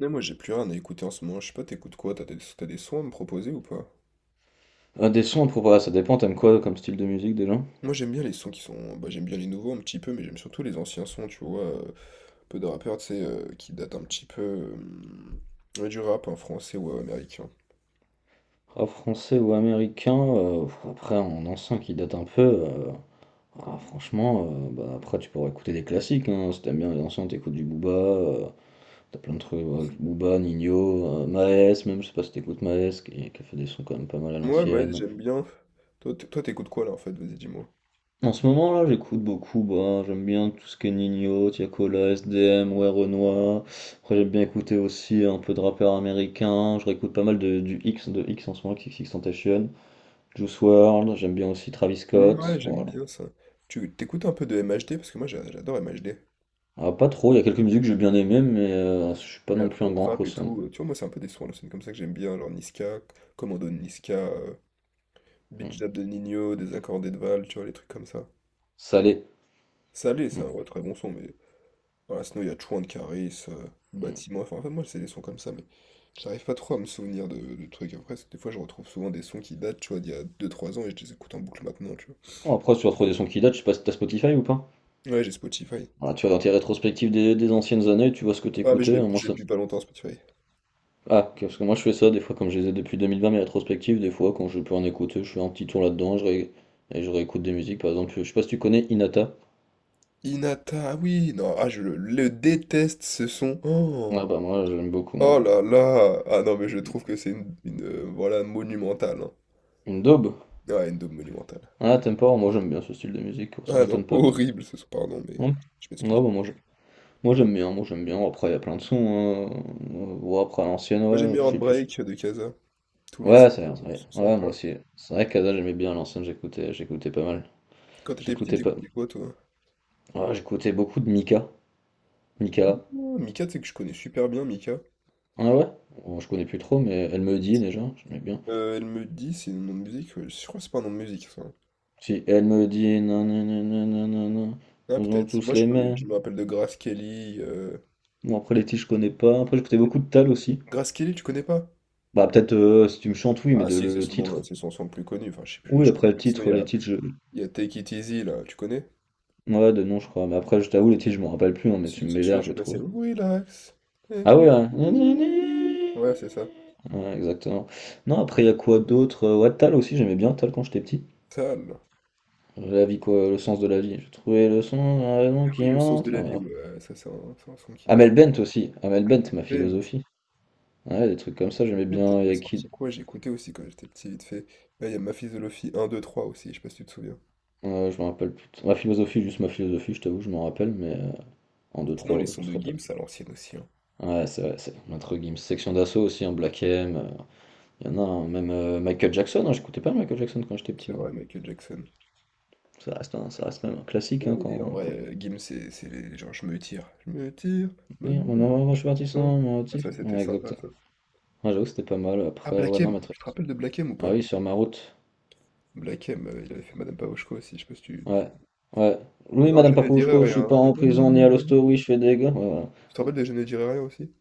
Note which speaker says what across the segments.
Speaker 1: Non, moi j'ai plus rien à écouter en ce moment, je sais pas, t'écoutes quoi? T'as des sons à me proposer ou pas?
Speaker 2: Ah, des sons, pour ouais, ça dépend, t'aimes quoi comme style de musique déjà?
Speaker 1: Moi j'aime bien les sons qui sont. Bah, j'aime bien les nouveaux un petit peu, mais j'aime surtout les anciens sons, tu vois. Peu de rappeurs, tu sais, qui datent un petit peu. Ouais, du rap, hein, français ou américain.
Speaker 2: Rap français ou américain, après en ancien qui date un peu, ah, franchement, bah, après tu pourrais écouter des classiques, hein, si t'aimes bien les anciens, t'écoutes du Booba, t'as plein de trucs, ouais, Booba, Nino, Maes, même je sais pas si t'écoutes Maes, qui a fait des sons quand même pas mal à
Speaker 1: Ouais, bah, ouais,
Speaker 2: l'ancienne.
Speaker 1: j'aime bien. Toi, toi, t'écoutes quoi là en fait? Vas-y, dis-moi.
Speaker 2: En ce moment là j'écoute beaucoup, bah, j'aime bien tout ce qui est Nino, Tiakola, SDM, ouais Renoir. Après j'aime bien écouter aussi un peu de rappeurs américains, je réécoute pas mal du X, de X en ce moment, XXXTentacion, Juice World. J'aime bien aussi Travis
Speaker 1: Hmm,
Speaker 2: Scott,
Speaker 1: ouais, j'aime
Speaker 2: voilà.
Speaker 1: bien ça. Tu t'écoutes un peu de MHD? Parce que moi j'adore MHD.
Speaker 2: Ah, pas trop, il y a quelques musiques que j'ai bien aimées, mais je suis pas non plus un grand
Speaker 1: L'afro-trap et
Speaker 2: cosson.
Speaker 1: tout. Tu vois, moi c'est un peu des sons à l'ancienne comme ça que j'aime bien, genre Niska, Commando de Niska. Beat
Speaker 2: Mm.
Speaker 1: Jab de Nino, des accordés de Val, tu vois, les trucs comme ça.
Speaker 2: Salé.
Speaker 1: Salé, c'est un
Speaker 2: Mm.
Speaker 1: vrai très bon son, mais voilà, sinon il y a Chouan de Caris,
Speaker 2: Mm.
Speaker 1: Bâtiment, enfin en fait, moi c'est des sons comme ça, mais j'arrive pas trop à me souvenir de trucs. Après, des fois je retrouve souvent des sons qui datent, tu vois, d'il y a 2 3 ans et je les écoute en boucle maintenant, tu
Speaker 2: Bon, après tu vas trouver des sons qui datent, je sais pas si t'as Spotify ou pas.
Speaker 1: vois. Ouais, j'ai Spotify.
Speaker 2: Voilà, tu vas dans tes rétrospectives des anciennes années, tu vois ce que
Speaker 1: Ah, mais je
Speaker 2: t'écoutais,
Speaker 1: l'ai
Speaker 2: moi
Speaker 1: je l'ai
Speaker 2: ça.
Speaker 1: depuis pas longtemps, Spotify.
Speaker 2: Ah, ok, parce que moi je fais ça des fois, comme je les ai depuis 2020, mes rétrospectives, des fois quand je peux en écouter, je fais un petit tour là-dedans et je réécoute des musiques. Par exemple, je sais pas si tu connais Inata.
Speaker 1: Inata, ah oui, non, ah, le déteste ce son.
Speaker 2: Ah
Speaker 1: Oh,
Speaker 2: bah moi j'aime beaucoup,
Speaker 1: oh
Speaker 2: moi.
Speaker 1: là là, ah non, mais je trouve que c'est une, voilà, monumentale, hein.
Speaker 2: Une daube?
Speaker 1: Ouais, une daube monumentale.
Speaker 2: Ah, t'aimes pas? Moi j'aime bien ce style de musique, ça
Speaker 1: Ah non,
Speaker 2: m'étonne pas
Speaker 1: horrible ce son, pardon, mais
Speaker 2: Hum.
Speaker 1: je
Speaker 2: Non,
Speaker 1: m'excuse.
Speaker 2: bah moi je- Moi, j'aime bien, moi j'aime bien. Après, il y a plein de sons. Hein. Ouais, après, à l'ancienne,
Speaker 1: Moi j'aime
Speaker 2: ouais,
Speaker 1: bien
Speaker 2: je suis plus.
Speaker 1: Heartbreak de Casa. Tous les
Speaker 2: Ouais,
Speaker 1: sons
Speaker 2: c'est vrai, c'est vrai.
Speaker 1: sont
Speaker 2: Ouais, moi
Speaker 1: sympas.
Speaker 2: aussi. C'est vrai qu'Ada, j'aimais bien à l'ancienne, j'écoutais pas mal.
Speaker 1: Quand t'étais petit,
Speaker 2: J'écoutais pas.
Speaker 1: t'écoutais quoi toi?
Speaker 2: Ouais, j'écoutais beaucoup de Mika.
Speaker 1: Ah,
Speaker 2: Mika.
Speaker 1: Mika, tu sais que je connais super bien Mika.
Speaker 2: Ah ouais? Bon, je connais plus trop, mais elle me dit déjà, j'aimais bien.
Speaker 1: Elle me dit, c'est un nom de musique. Je crois que c'est pas un nom de musique ça.
Speaker 2: Si elle me dit non, non, non, non, non, non, non,
Speaker 1: Ah
Speaker 2: nous avons
Speaker 1: peut-être.
Speaker 2: tous les
Speaker 1: Je
Speaker 2: mêmes.
Speaker 1: me rappelle de Grace Kelly.
Speaker 2: Bon, après les titres, je connais pas. Après, j'écoutais beaucoup de Tal aussi.
Speaker 1: Grace Kelly, tu connais pas?
Speaker 2: Bah, peut-être si tu me chantes, oui, mais
Speaker 1: Ah
Speaker 2: de,
Speaker 1: si, c'est
Speaker 2: le
Speaker 1: son nom,
Speaker 2: titre.
Speaker 1: là, c'est son son le plus connu. Enfin, je sais plus,
Speaker 2: Oui,
Speaker 1: je connais
Speaker 2: après le
Speaker 1: plus. Sinon,
Speaker 2: titre, les titres, je.
Speaker 1: il y a Take It Easy là, tu connais?
Speaker 2: Ouais, de nom, je crois. Mais après, je t'avoue, les titres, je me rappelle plus, hein, mais si tu
Speaker 1: Si,
Speaker 2: me
Speaker 1: c'est
Speaker 2: mets l'air,
Speaker 1: celui-là,
Speaker 2: je
Speaker 1: tu
Speaker 2: vais
Speaker 1: connais, c'est le
Speaker 2: trouver.
Speaker 1: Relax.
Speaker 2: Ah
Speaker 1: Take
Speaker 2: ouais,
Speaker 1: it
Speaker 2: hein.
Speaker 1: easy. Ouais, c'est ça.
Speaker 2: Ouais, exactement. Non, après, il y a quoi d'autre? Ouais, Tal aussi, j'aimais bien Tal quand j'étais petit.
Speaker 1: Tal.
Speaker 2: La vie, quoi, le sens de la vie. J'ai trouvé le sens, la raison
Speaker 1: Ah
Speaker 2: qui
Speaker 1: oui, le sens de la vie,
Speaker 2: entre.
Speaker 1: ouais, ouais, ça c'est c'est un son qui date.
Speaker 2: Amel Bent aussi, Amel Bent,
Speaker 1: Ahmed
Speaker 2: ma
Speaker 1: Bent,
Speaker 2: philosophie. Ouais, des trucs comme ça,
Speaker 1: Ahmed
Speaker 2: j'aimais
Speaker 1: Bent, elle
Speaker 2: bien. Il y a
Speaker 1: avait sorti
Speaker 2: qui
Speaker 1: quoi? J'écoutais aussi quand j'étais petit, vite fait. Là, il y a Ma Philosophie un 2 3 aussi, je sais pas si tu te souviens.
Speaker 2: je me rappelle plus. Ma philosophie, juste ma philosophie, je t'avoue, je m'en rappelle, mais en deux
Speaker 1: Sinon, les
Speaker 2: trois, je
Speaker 1: sons de
Speaker 2: serais pas.
Speaker 1: Gims à l'ancienne aussi, hein.
Speaker 2: Ouais, c'est vrai, c'est entre guillemets, Section d'assaut aussi, en Black M. Il y en a un, même Michael Jackson. Hein, j'écoutais pas Michael Jackson quand j'étais petit,
Speaker 1: C'est
Speaker 2: moi.
Speaker 1: vrai, Michael Jackson.
Speaker 2: Ça reste, un, ça reste même un
Speaker 1: Mais
Speaker 2: classique,
Speaker 1: non,
Speaker 2: hein,
Speaker 1: mais en
Speaker 2: quand,
Speaker 1: vrai,
Speaker 2: quand...
Speaker 1: Gims, c'est les genre, je me tire,
Speaker 2: Oui,
Speaker 1: maintenant,
Speaker 2: on a-
Speaker 1: je
Speaker 2: je suis
Speaker 1: pars tout
Speaker 2: parti
Speaker 1: seul.
Speaker 2: sans mon
Speaker 1: Ah,
Speaker 2: motif.
Speaker 1: ça, c'était
Speaker 2: Ouais, exact.
Speaker 1: sympa, ça.
Speaker 2: Ouais, j'avoue que c'était pas mal.
Speaker 1: Ah,
Speaker 2: Après, ouais,
Speaker 1: Black
Speaker 2: non, mais
Speaker 1: M,
Speaker 2: très.
Speaker 1: tu te rappelles de Black M ou
Speaker 2: Ah
Speaker 1: pas?
Speaker 2: oui, sur ma route.
Speaker 1: Black M, il avait fait Madame Pavoshko aussi, je sais pas si tu...
Speaker 2: Ouais, ouais.
Speaker 1: Ou
Speaker 2: Oui,
Speaker 1: alors,
Speaker 2: Madame
Speaker 1: je ne dirai
Speaker 2: Pakrouchko, je suis
Speaker 1: rien.
Speaker 2: pas en
Speaker 1: Non, non, non,
Speaker 2: prison ni
Speaker 1: non,
Speaker 2: à
Speaker 1: non.
Speaker 2: l'hosto, oui, je fais des gars. Ouais,
Speaker 1: Tu te
Speaker 2: voilà.
Speaker 1: rappelles de Je ne dirai rien aussi?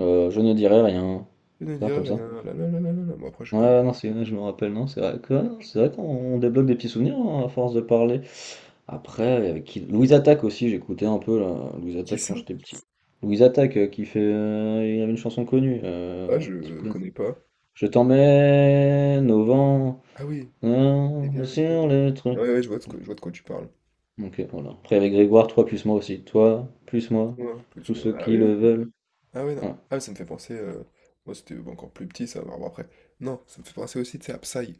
Speaker 2: Je ne dirai rien.
Speaker 1: Je ne
Speaker 2: Ça,
Speaker 1: dis rien.
Speaker 2: comme ça.
Speaker 1: La la la la la la. Bon, après, je
Speaker 2: Ouais,
Speaker 1: connais.
Speaker 2: ouais, non, c'est- je me rappelle, non, c'est vrai que- ouais, non, c'est vrai qu'on débloque des petits souvenirs hein, à force de parler. Après, avec qui... Louise Attaque aussi, j'écoutais un peu là, Louise
Speaker 1: Qui
Speaker 2: Attaque
Speaker 1: ça?
Speaker 2: quand j'étais petit. Louise Attaque qui fait. Il y avait une chanson connue.
Speaker 1: Ah,
Speaker 2: Tu
Speaker 1: je
Speaker 2: connais.
Speaker 1: connais pas.
Speaker 2: Je t'emmène au vent,
Speaker 1: Ah oui. Eh
Speaker 2: hein,
Speaker 1: bien, je... vois.
Speaker 2: sur les trucs.
Speaker 1: Ouais, ouais, je vois de quoi, je vois de quoi tu parles.
Speaker 2: Ok, voilà. Après, avec Grégoire, toi plus moi aussi. Toi plus moi,
Speaker 1: Ouais,
Speaker 2: tous ceux
Speaker 1: Ah
Speaker 2: qui
Speaker 1: oui,
Speaker 2: le
Speaker 1: oui.
Speaker 2: veulent.
Speaker 1: Ah ouais, non.
Speaker 2: Voilà.
Speaker 1: Ah, mais ça me fait penser. Moi, c'était encore plus petit, ça. Bon, après. Non, ça me fait penser aussi, tu sais, à Psy.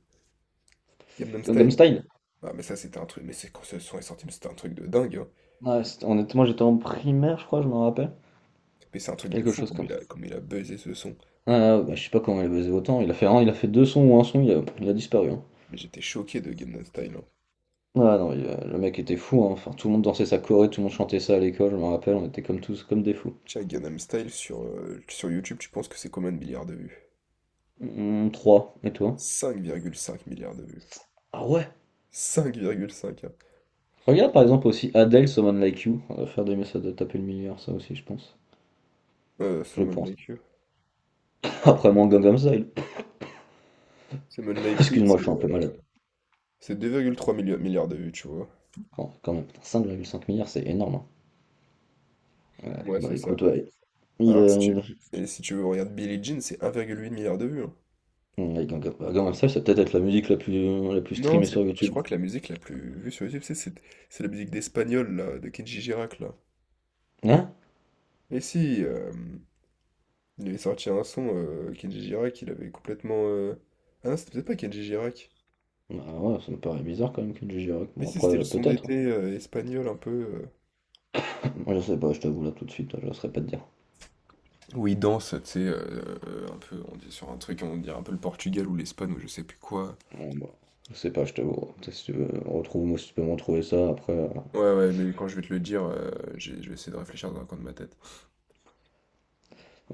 Speaker 1: Gangnam
Speaker 2: Comme
Speaker 1: Style.
Speaker 2: style.
Speaker 1: Ah, mais ça, c'était un truc. Mais c'est quand ce son est sorti, mais c'était un truc de dingue, hein.
Speaker 2: Ouais, honnêtement, j'étais en primaire, je crois, je me rappelle.
Speaker 1: Mais c'est un truc de
Speaker 2: Quelque
Speaker 1: fou
Speaker 2: chose
Speaker 1: comme
Speaker 2: comme ça.
Speaker 1: comme il a buzzé ce son.
Speaker 2: Ah, ah, bah, je sais pas comment il a baisé autant. Il a fait un, il a fait deux sons ou un son, il a disparu. Hein.
Speaker 1: Mais j'étais choqué de Gangnam Style, hein.
Speaker 2: Ah non, il a- le mec était fou. Hein. Enfin, tout le monde dansait sa choré, tout le monde chantait ça à l'école. Je me rappelle, on était comme tous, comme des fous.
Speaker 1: Tu sais, Gangnam Style sur, sur YouTube, tu penses que c'est combien de milliards de vues?
Speaker 2: Trois. Et toi?
Speaker 1: 5,5 milliards de vues.
Speaker 2: Ah ouais.
Speaker 1: 5,5, hein.
Speaker 2: Regarde par exemple aussi Adele, Someone Like You. On va faire des messages de taper le milliard, ça aussi, je pense. Je
Speaker 1: Someone
Speaker 2: pense.
Speaker 1: Like You.
Speaker 2: Après mon Gangnam Style.
Speaker 1: Someone Like You,
Speaker 2: Excuse-moi, je suis un peu malade.
Speaker 1: c'est 2,3 milliards de vues, tu vois.
Speaker 2: Quand quand même, putain, cinq virgule cinq milliards, c'est énorme. Hein.
Speaker 1: Ouais,
Speaker 2: Bah
Speaker 1: c'est ça.
Speaker 2: écoute, ouais. Il,
Speaker 1: Alors
Speaker 2: a-
Speaker 1: si tu,
Speaker 2: il,
Speaker 1: et si tu veux, regarder Billie Jean, c'est 1,8 milliard de vues, hein.
Speaker 2: ouais, Gangnam, bah, Gangnam Style, ça va peut-être être la musique la plus
Speaker 1: Non,
Speaker 2: streamée
Speaker 1: c'est,
Speaker 2: sur
Speaker 1: je
Speaker 2: YouTube.
Speaker 1: crois que la musique la plus vue sur YouTube, c'est la musique d'Espagnol, là, de Kenji Girac, là.
Speaker 2: Hein?
Speaker 1: Et si, il avait sorti un son, Kenji Girac, il avait complètement... Ah non, c'était peut-être pas Kenji Girac.
Speaker 2: Ah ouais, ça me paraît bizarre quand même que Gigi Rock.
Speaker 1: Mais
Speaker 2: Bon
Speaker 1: si,
Speaker 2: après
Speaker 1: c'était le son
Speaker 2: peut-être.
Speaker 1: d'été espagnol, un peu...
Speaker 2: Moi je sais pas, je t'avoue là tout de suite, là, je saurais pas te dire.
Speaker 1: où ils dansent, tu sais, un peu, on dit sur un truc, on dirait un peu le Portugal ou l'Espagne ou je sais plus quoi.
Speaker 2: Bon, bah, je sais pas, je t'avoue. Peut-être si tu veux, retrouve-moi si tu peux me retrouver ça après.
Speaker 1: Ouais, ouais, mais quand je vais te le dire, je vais essayer de réfléchir dans un coin de ma tête.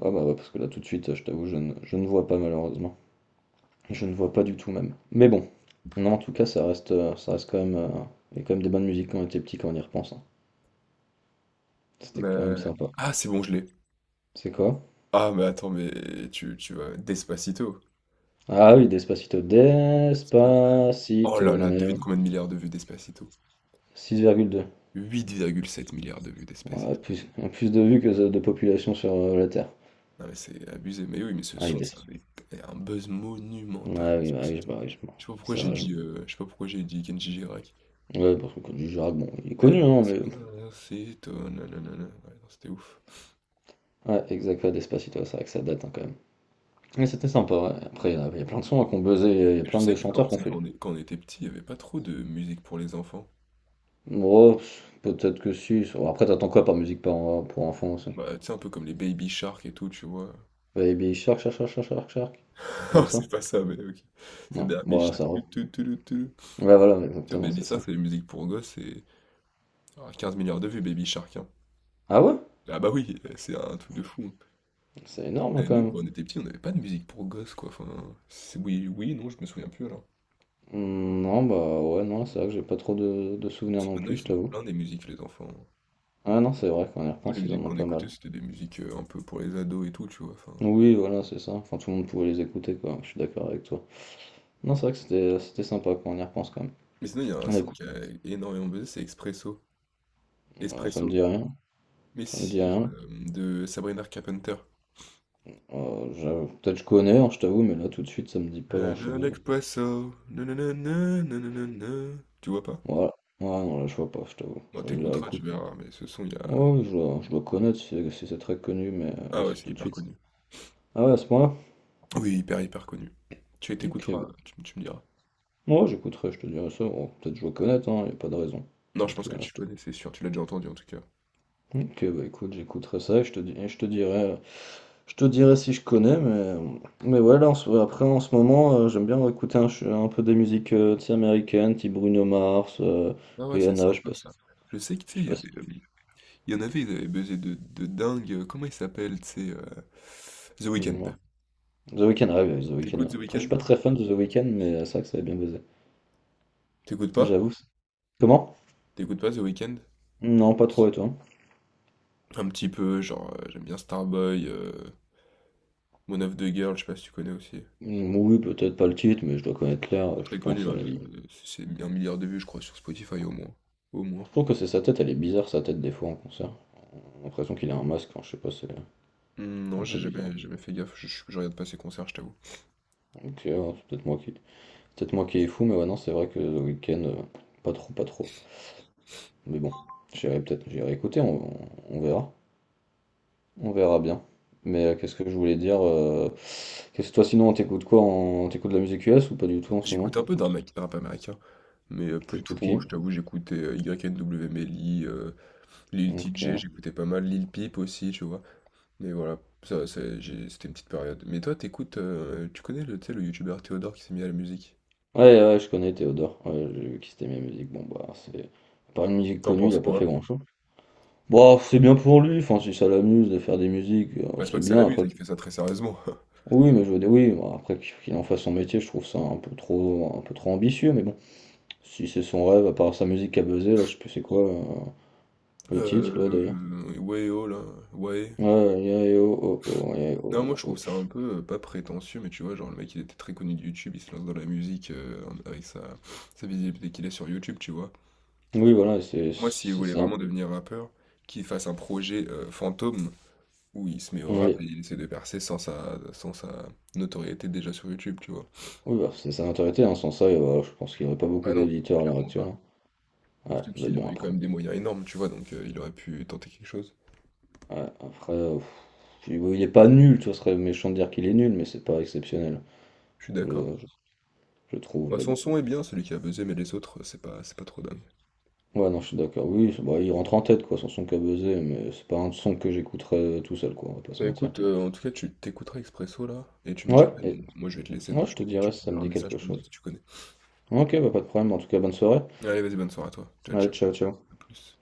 Speaker 2: Ah bah ouais, parce que là tout de suite, je t'avoue, je ne vois pas malheureusement. Je ne vois pas du tout même. Mais bon. Non, en tout cas, ça reste quand même, il y a quand même des bonnes musiques quand on était petit quand on y repense. Hein. C'était quand même
Speaker 1: Bah...
Speaker 2: sympa.
Speaker 1: Ah, c'est bon, je l'ai.
Speaker 2: C'est quoi?
Speaker 1: Ah, mais attends, mais tu vas... Despacito.
Speaker 2: Ah oui, Despacito.
Speaker 1: Despa- Oh
Speaker 2: Despacito.
Speaker 1: là là,
Speaker 2: Nanana.
Speaker 1: devine combien de milliards de vues Despacito?
Speaker 2: Six virgule deux.
Speaker 1: 8,7 milliards de vues
Speaker 2: Ouais,
Speaker 1: Despacito.
Speaker 2: plus, plus de vues que de population sur la Terre.
Speaker 1: Non, mais c'est abusé. Mais oui, mais ce
Speaker 2: Ah, il
Speaker 1: son, ça
Speaker 2: descend.
Speaker 1: avait un buzz monumental,
Speaker 2: Ah oui,
Speaker 1: Despacito.
Speaker 2: bah oui, je m'en-
Speaker 1: Je sais pas pourquoi
Speaker 2: C'est
Speaker 1: j'ai
Speaker 2: vrai, je m'en-
Speaker 1: dit, je sais pas pourquoi j'ai dit Kenji Girac.
Speaker 2: ouais, parce que quand du Girac, bon, il est
Speaker 1: Les
Speaker 2: connu, hein, mais.
Speaker 1: Despacito, nanana. Ouais, non, c'était ouf.
Speaker 2: Ouais, exact, ouais, Despacito, c'est vrai que ça date, hein, quand même. Mais c'était sympa, ouais. Après, il y a plein de sons hein, qu'on buzzait, il y a
Speaker 1: Je
Speaker 2: plein de
Speaker 1: sais que quand,
Speaker 2: chanteurs
Speaker 1: tu
Speaker 2: qu'on
Speaker 1: sais,
Speaker 2: fait.
Speaker 1: quand on était petit, il n'y avait pas trop de musique pour les enfants.
Speaker 2: Oh, pff, peut-être que si. Après, t'attends quoi par musique pour enfants aussi?
Speaker 1: Bah, tu sais, un peu comme les Baby Shark et tout, tu vois.
Speaker 2: Baby Shark, Shark, Shark, Shark, Shark, Shark.
Speaker 1: Non,
Speaker 2: Comme ça?
Speaker 1: c'est pas ça, mais ok. C'est
Speaker 2: Non,
Speaker 1: Baby
Speaker 2: ouais,
Speaker 1: Shark.
Speaker 2: ça va.
Speaker 1: Tu.
Speaker 2: Ouais, voilà,
Speaker 1: Tu vois,
Speaker 2: exactement,
Speaker 1: Baby
Speaker 2: c'est
Speaker 1: Shark,
Speaker 2: ça.
Speaker 1: c'est les musiques pour gosses. Et ah, 15 milliards de vues, Baby Shark, hein.
Speaker 2: Ah ouais?
Speaker 1: Ah bah oui, c'est un truc de fou,
Speaker 2: C'est énorme,
Speaker 1: hein.
Speaker 2: hein,
Speaker 1: Et
Speaker 2: quand
Speaker 1: nous, quand
Speaker 2: même.
Speaker 1: on était petits, on n'avait pas de musique pour gosses, quoi. Enfin, oui, oui, non, je me souviens plus alors.
Speaker 2: Hmm, non, bah ouais, non, c'est vrai que j'ai pas trop de souvenirs
Speaker 1: Parce que
Speaker 2: non
Speaker 1: maintenant,
Speaker 2: plus, je
Speaker 1: ils en ont
Speaker 2: t'avoue.
Speaker 1: plein des musiques, les enfants.
Speaker 2: Ah non, c'est vrai, quand on y
Speaker 1: Nous, les
Speaker 2: repense, ils en
Speaker 1: musiques
Speaker 2: ont
Speaker 1: qu'on
Speaker 2: pas
Speaker 1: écoutait,
Speaker 2: mal.
Speaker 1: c'était des musiques, un peu pour les ados et tout, tu vois? Enfin,
Speaker 2: Oui, voilà, c'est ça. Enfin, tout le monde pouvait les écouter, quoi. Je suis d'accord avec toi. Non, c'est vrai que c'était sympa quand on y repense quand même.
Speaker 1: mais sinon, il y a un
Speaker 2: On
Speaker 1: son
Speaker 2: écoute,
Speaker 1: qui a énormément buzzé, c'est Expresso.
Speaker 2: ça me
Speaker 1: Espresso.
Speaker 2: dit rien.
Speaker 1: Mais
Speaker 2: Ça me dit
Speaker 1: si,
Speaker 2: rien.
Speaker 1: hem, de Sabrina Carpenter.
Speaker 2: Peut-être je connais, hein, je t'avoue, mais là tout de suite ça me dit pas
Speaker 1: Na na
Speaker 2: grand-chose.
Speaker 1: Nespresso, na na na na, na na na na. Tu vois pas?
Speaker 2: Voilà. Ouais, non, là je vois pas, je t'avoue.
Speaker 1: Bah,
Speaker 2: Je
Speaker 1: tu
Speaker 2: la
Speaker 1: écouteras, tu
Speaker 2: réécoute.
Speaker 1: verras, mais ce son, il y a
Speaker 2: Ouais, ouais, je dois connaître si, si c'est très connu, mais là
Speaker 1: ah ouais,
Speaker 2: c'est
Speaker 1: c'est
Speaker 2: tout de
Speaker 1: hyper
Speaker 2: suite.
Speaker 1: connu.
Speaker 2: Ah ouais, à ce point-là?
Speaker 1: Oui, hyper, hyper connu. Tu
Speaker 2: Ok,
Speaker 1: écouteras,
Speaker 2: bah.
Speaker 1: tu me diras.
Speaker 2: Ouais, j'écouterai, je te dirai ça. Bon, peut-être je dois connaître, hein, y a pas de raison.
Speaker 1: Non, je
Speaker 2: Donc,
Speaker 1: pense que
Speaker 2: euh,
Speaker 1: tu
Speaker 2: je te...
Speaker 1: connais, c'est sûr, tu l'as déjà entendu, en tout cas.
Speaker 2: Ok, bah écoute, j'écouterai ça et je te dirai. Je te dirai si je connais, mais ouais, après, en ce moment, j'aime bien écouter un peu des musiques tu sais, américaines, type Bruno Mars,
Speaker 1: Ah ouais, c'est
Speaker 2: Rihanna, je sais
Speaker 1: sympa
Speaker 2: pas si.
Speaker 1: ça. Je sais que, tu
Speaker 2: Je
Speaker 1: sais,
Speaker 2: sais
Speaker 1: il y
Speaker 2: pas si-
Speaker 1: avait, hem, il y en avait, ils avaient buzzé de dingue. Comment il s'appelle, tu sais, The Weeknd.
Speaker 2: dis-moi. The Weeknd, ah oui, The Weeknd.
Speaker 1: T'écoutes
Speaker 2: Ouais.
Speaker 1: The
Speaker 2: Après, je suis
Speaker 1: Weeknd?
Speaker 2: pas très fan de The Weeknd, mais c'est vrai que ça avait bien buzzé.
Speaker 1: T'écoutes pas?
Speaker 2: J'avoue. c'est- Comment?
Speaker 1: T'écoutes pas The Weeknd?
Speaker 2: Non, pas trop, et toi?
Speaker 1: Un petit peu, genre, j'aime bien Starboy, Mon of the Girl, je sais pas si tu connais aussi.
Speaker 2: Mm, oui, peut-être pas le titre, mais je dois connaître l'air,
Speaker 1: Très
Speaker 2: je
Speaker 1: connu,
Speaker 2: pense à la vie.
Speaker 1: c'est 1 milliard de vues, je crois, sur Spotify au moins. Au moins.
Speaker 2: Je trouve que c'est sa tête, elle est bizarre, sa tête, des fois, en concert. J'ai l'impression qu'il a un masque, hein, je sais pas, c'est
Speaker 1: Hmm, non,
Speaker 2: un
Speaker 1: j'ai
Speaker 2: peu
Speaker 1: jamais,
Speaker 2: bizarre.
Speaker 1: jamais fait gaffe, je regarde pas ces concerts, je t'avoue.
Speaker 2: Ok, ouais, c'est peut-être moi qui. Peut-être moi qui est fou, mais ouais, non, c'est vrai que le week-end, pas trop, pas trop. Mais bon, j'irai peut-être, j'irai écouter, on verra. On verra bien. Mais qu'est-ce que je voulais dire qu'est-ce toi, sinon, on t'écoute quoi? On t'écoute de la musique US ou pas du tout en ce
Speaker 1: J'écoute
Speaker 2: moment?
Speaker 1: un peu de rap, rap américain, mais plus
Speaker 2: T'écoutes
Speaker 1: trop,
Speaker 2: qui?
Speaker 1: je t'avoue, j'écoutais Y N w Melly, Lil T
Speaker 2: Ok.
Speaker 1: j'écoutais pas mal Lil Peep aussi, tu vois. Mais voilà, c'était une petite période. Mais toi, t'écoutes, tu connais le, tu sais, le youtubeur Théodore qui s'est mis à la musique?
Speaker 2: Ouais, ouais, je connais Théodore. Ouais, j'ai vu qu'il s'était mis à la musique. Bon, bah, c'est. À part une musique
Speaker 1: T'en
Speaker 2: connue, il
Speaker 1: penses
Speaker 2: a pas fait
Speaker 1: quoi?
Speaker 2: grand-chose. Bon, c'est bien pour lui. Enfin, si ça l'amuse de faire des musiques,
Speaker 1: Bah, c'est pas
Speaker 2: c'est
Speaker 1: que c'est la
Speaker 2: bien. Après,
Speaker 1: musique, il fait ça très sérieusement.
Speaker 2: oui, mais je veux dire, oui, bon, après qu'il en fasse son métier, je trouve ça un peu trop ambitieux, mais bon. Si c'est son rêve, à part sa musique à buzzer, là, je sais plus c'est quoi le titre, là, d'ailleurs.
Speaker 1: Euh, ouais, oh là, ouais.
Speaker 2: Ouais, yeah, yeah, oh, oh, oh, yeah,
Speaker 1: Non, moi
Speaker 2: oh,
Speaker 1: je trouve
Speaker 2: oh.
Speaker 1: ça un peu pas prétentieux, mais tu vois, genre le mec il était très connu de YouTube, il se lance dans la musique avec sa visibilité qu'il a sur YouTube, tu vois.
Speaker 2: Oui, voilà, c'est
Speaker 1: Moi, s'il
Speaker 2: c'est
Speaker 1: voulait
Speaker 2: ça.
Speaker 1: vraiment devenir rappeur, qu'il fasse un projet fantôme où il se met au
Speaker 2: Oui,
Speaker 1: rap et il essaie de percer sans sa, sans sa notoriété déjà sur YouTube, tu vois.
Speaker 2: oui bah, c'est sa notoriété, hein. Sans ça, voilà, je pense qu'il n'y aurait pas beaucoup
Speaker 1: Ah non,
Speaker 2: d'auditeurs à l'heure
Speaker 1: clairement
Speaker 2: actuelle.
Speaker 1: pas.
Speaker 2: Hein. Ouais,
Speaker 1: Surtout
Speaker 2: mais
Speaker 1: qu'il
Speaker 2: bon,
Speaker 1: aurait eu quand
Speaker 2: après.
Speaker 1: même des moyens énormes, tu vois, donc il aurait pu tenter quelque chose.
Speaker 2: Ouais, après, pff, puis, bon, il est pas nul, tu vois, ce serait méchant de dire qu'il est nul, mais c'est pas exceptionnel,
Speaker 1: Je suis
Speaker 2: je,
Speaker 1: d'accord.
Speaker 2: je- je trouve,
Speaker 1: Moi
Speaker 2: mais
Speaker 1: son
Speaker 2: bon.
Speaker 1: son est bien, celui qui a buzzé, mais les autres, c'est pas trop dingue.
Speaker 2: Ouais, non, je suis d'accord. Bah, il rentre en tête, quoi, son son qu'a buzzé, mais c'est pas un son que j'écouterais tout seul, quoi, on va pas se
Speaker 1: Bah
Speaker 2: mentir.
Speaker 1: écoute, en tout cas, tu t'écouteras Expresso là, et tu me diras,
Speaker 2: Ouais, et,
Speaker 1: bon, moi je vais te laisser,
Speaker 2: ouais,
Speaker 1: donc
Speaker 2: je te dirais
Speaker 1: tu
Speaker 2: si
Speaker 1: me
Speaker 2: ça me
Speaker 1: verras un
Speaker 2: dit
Speaker 1: message
Speaker 2: quelque
Speaker 1: pour me dire
Speaker 2: chose.
Speaker 1: si tu connais.
Speaker 2: Ok, bah, pas de problème. En tout cas, bonne soirée.
Speaker 1: Allez, vas-y, bonne soirée à toi. Ciao,
Speaker 2: Allez,
Speaker 1: ciao,
Speaker 2: ciao, ciao.
Speaker 1: à plus.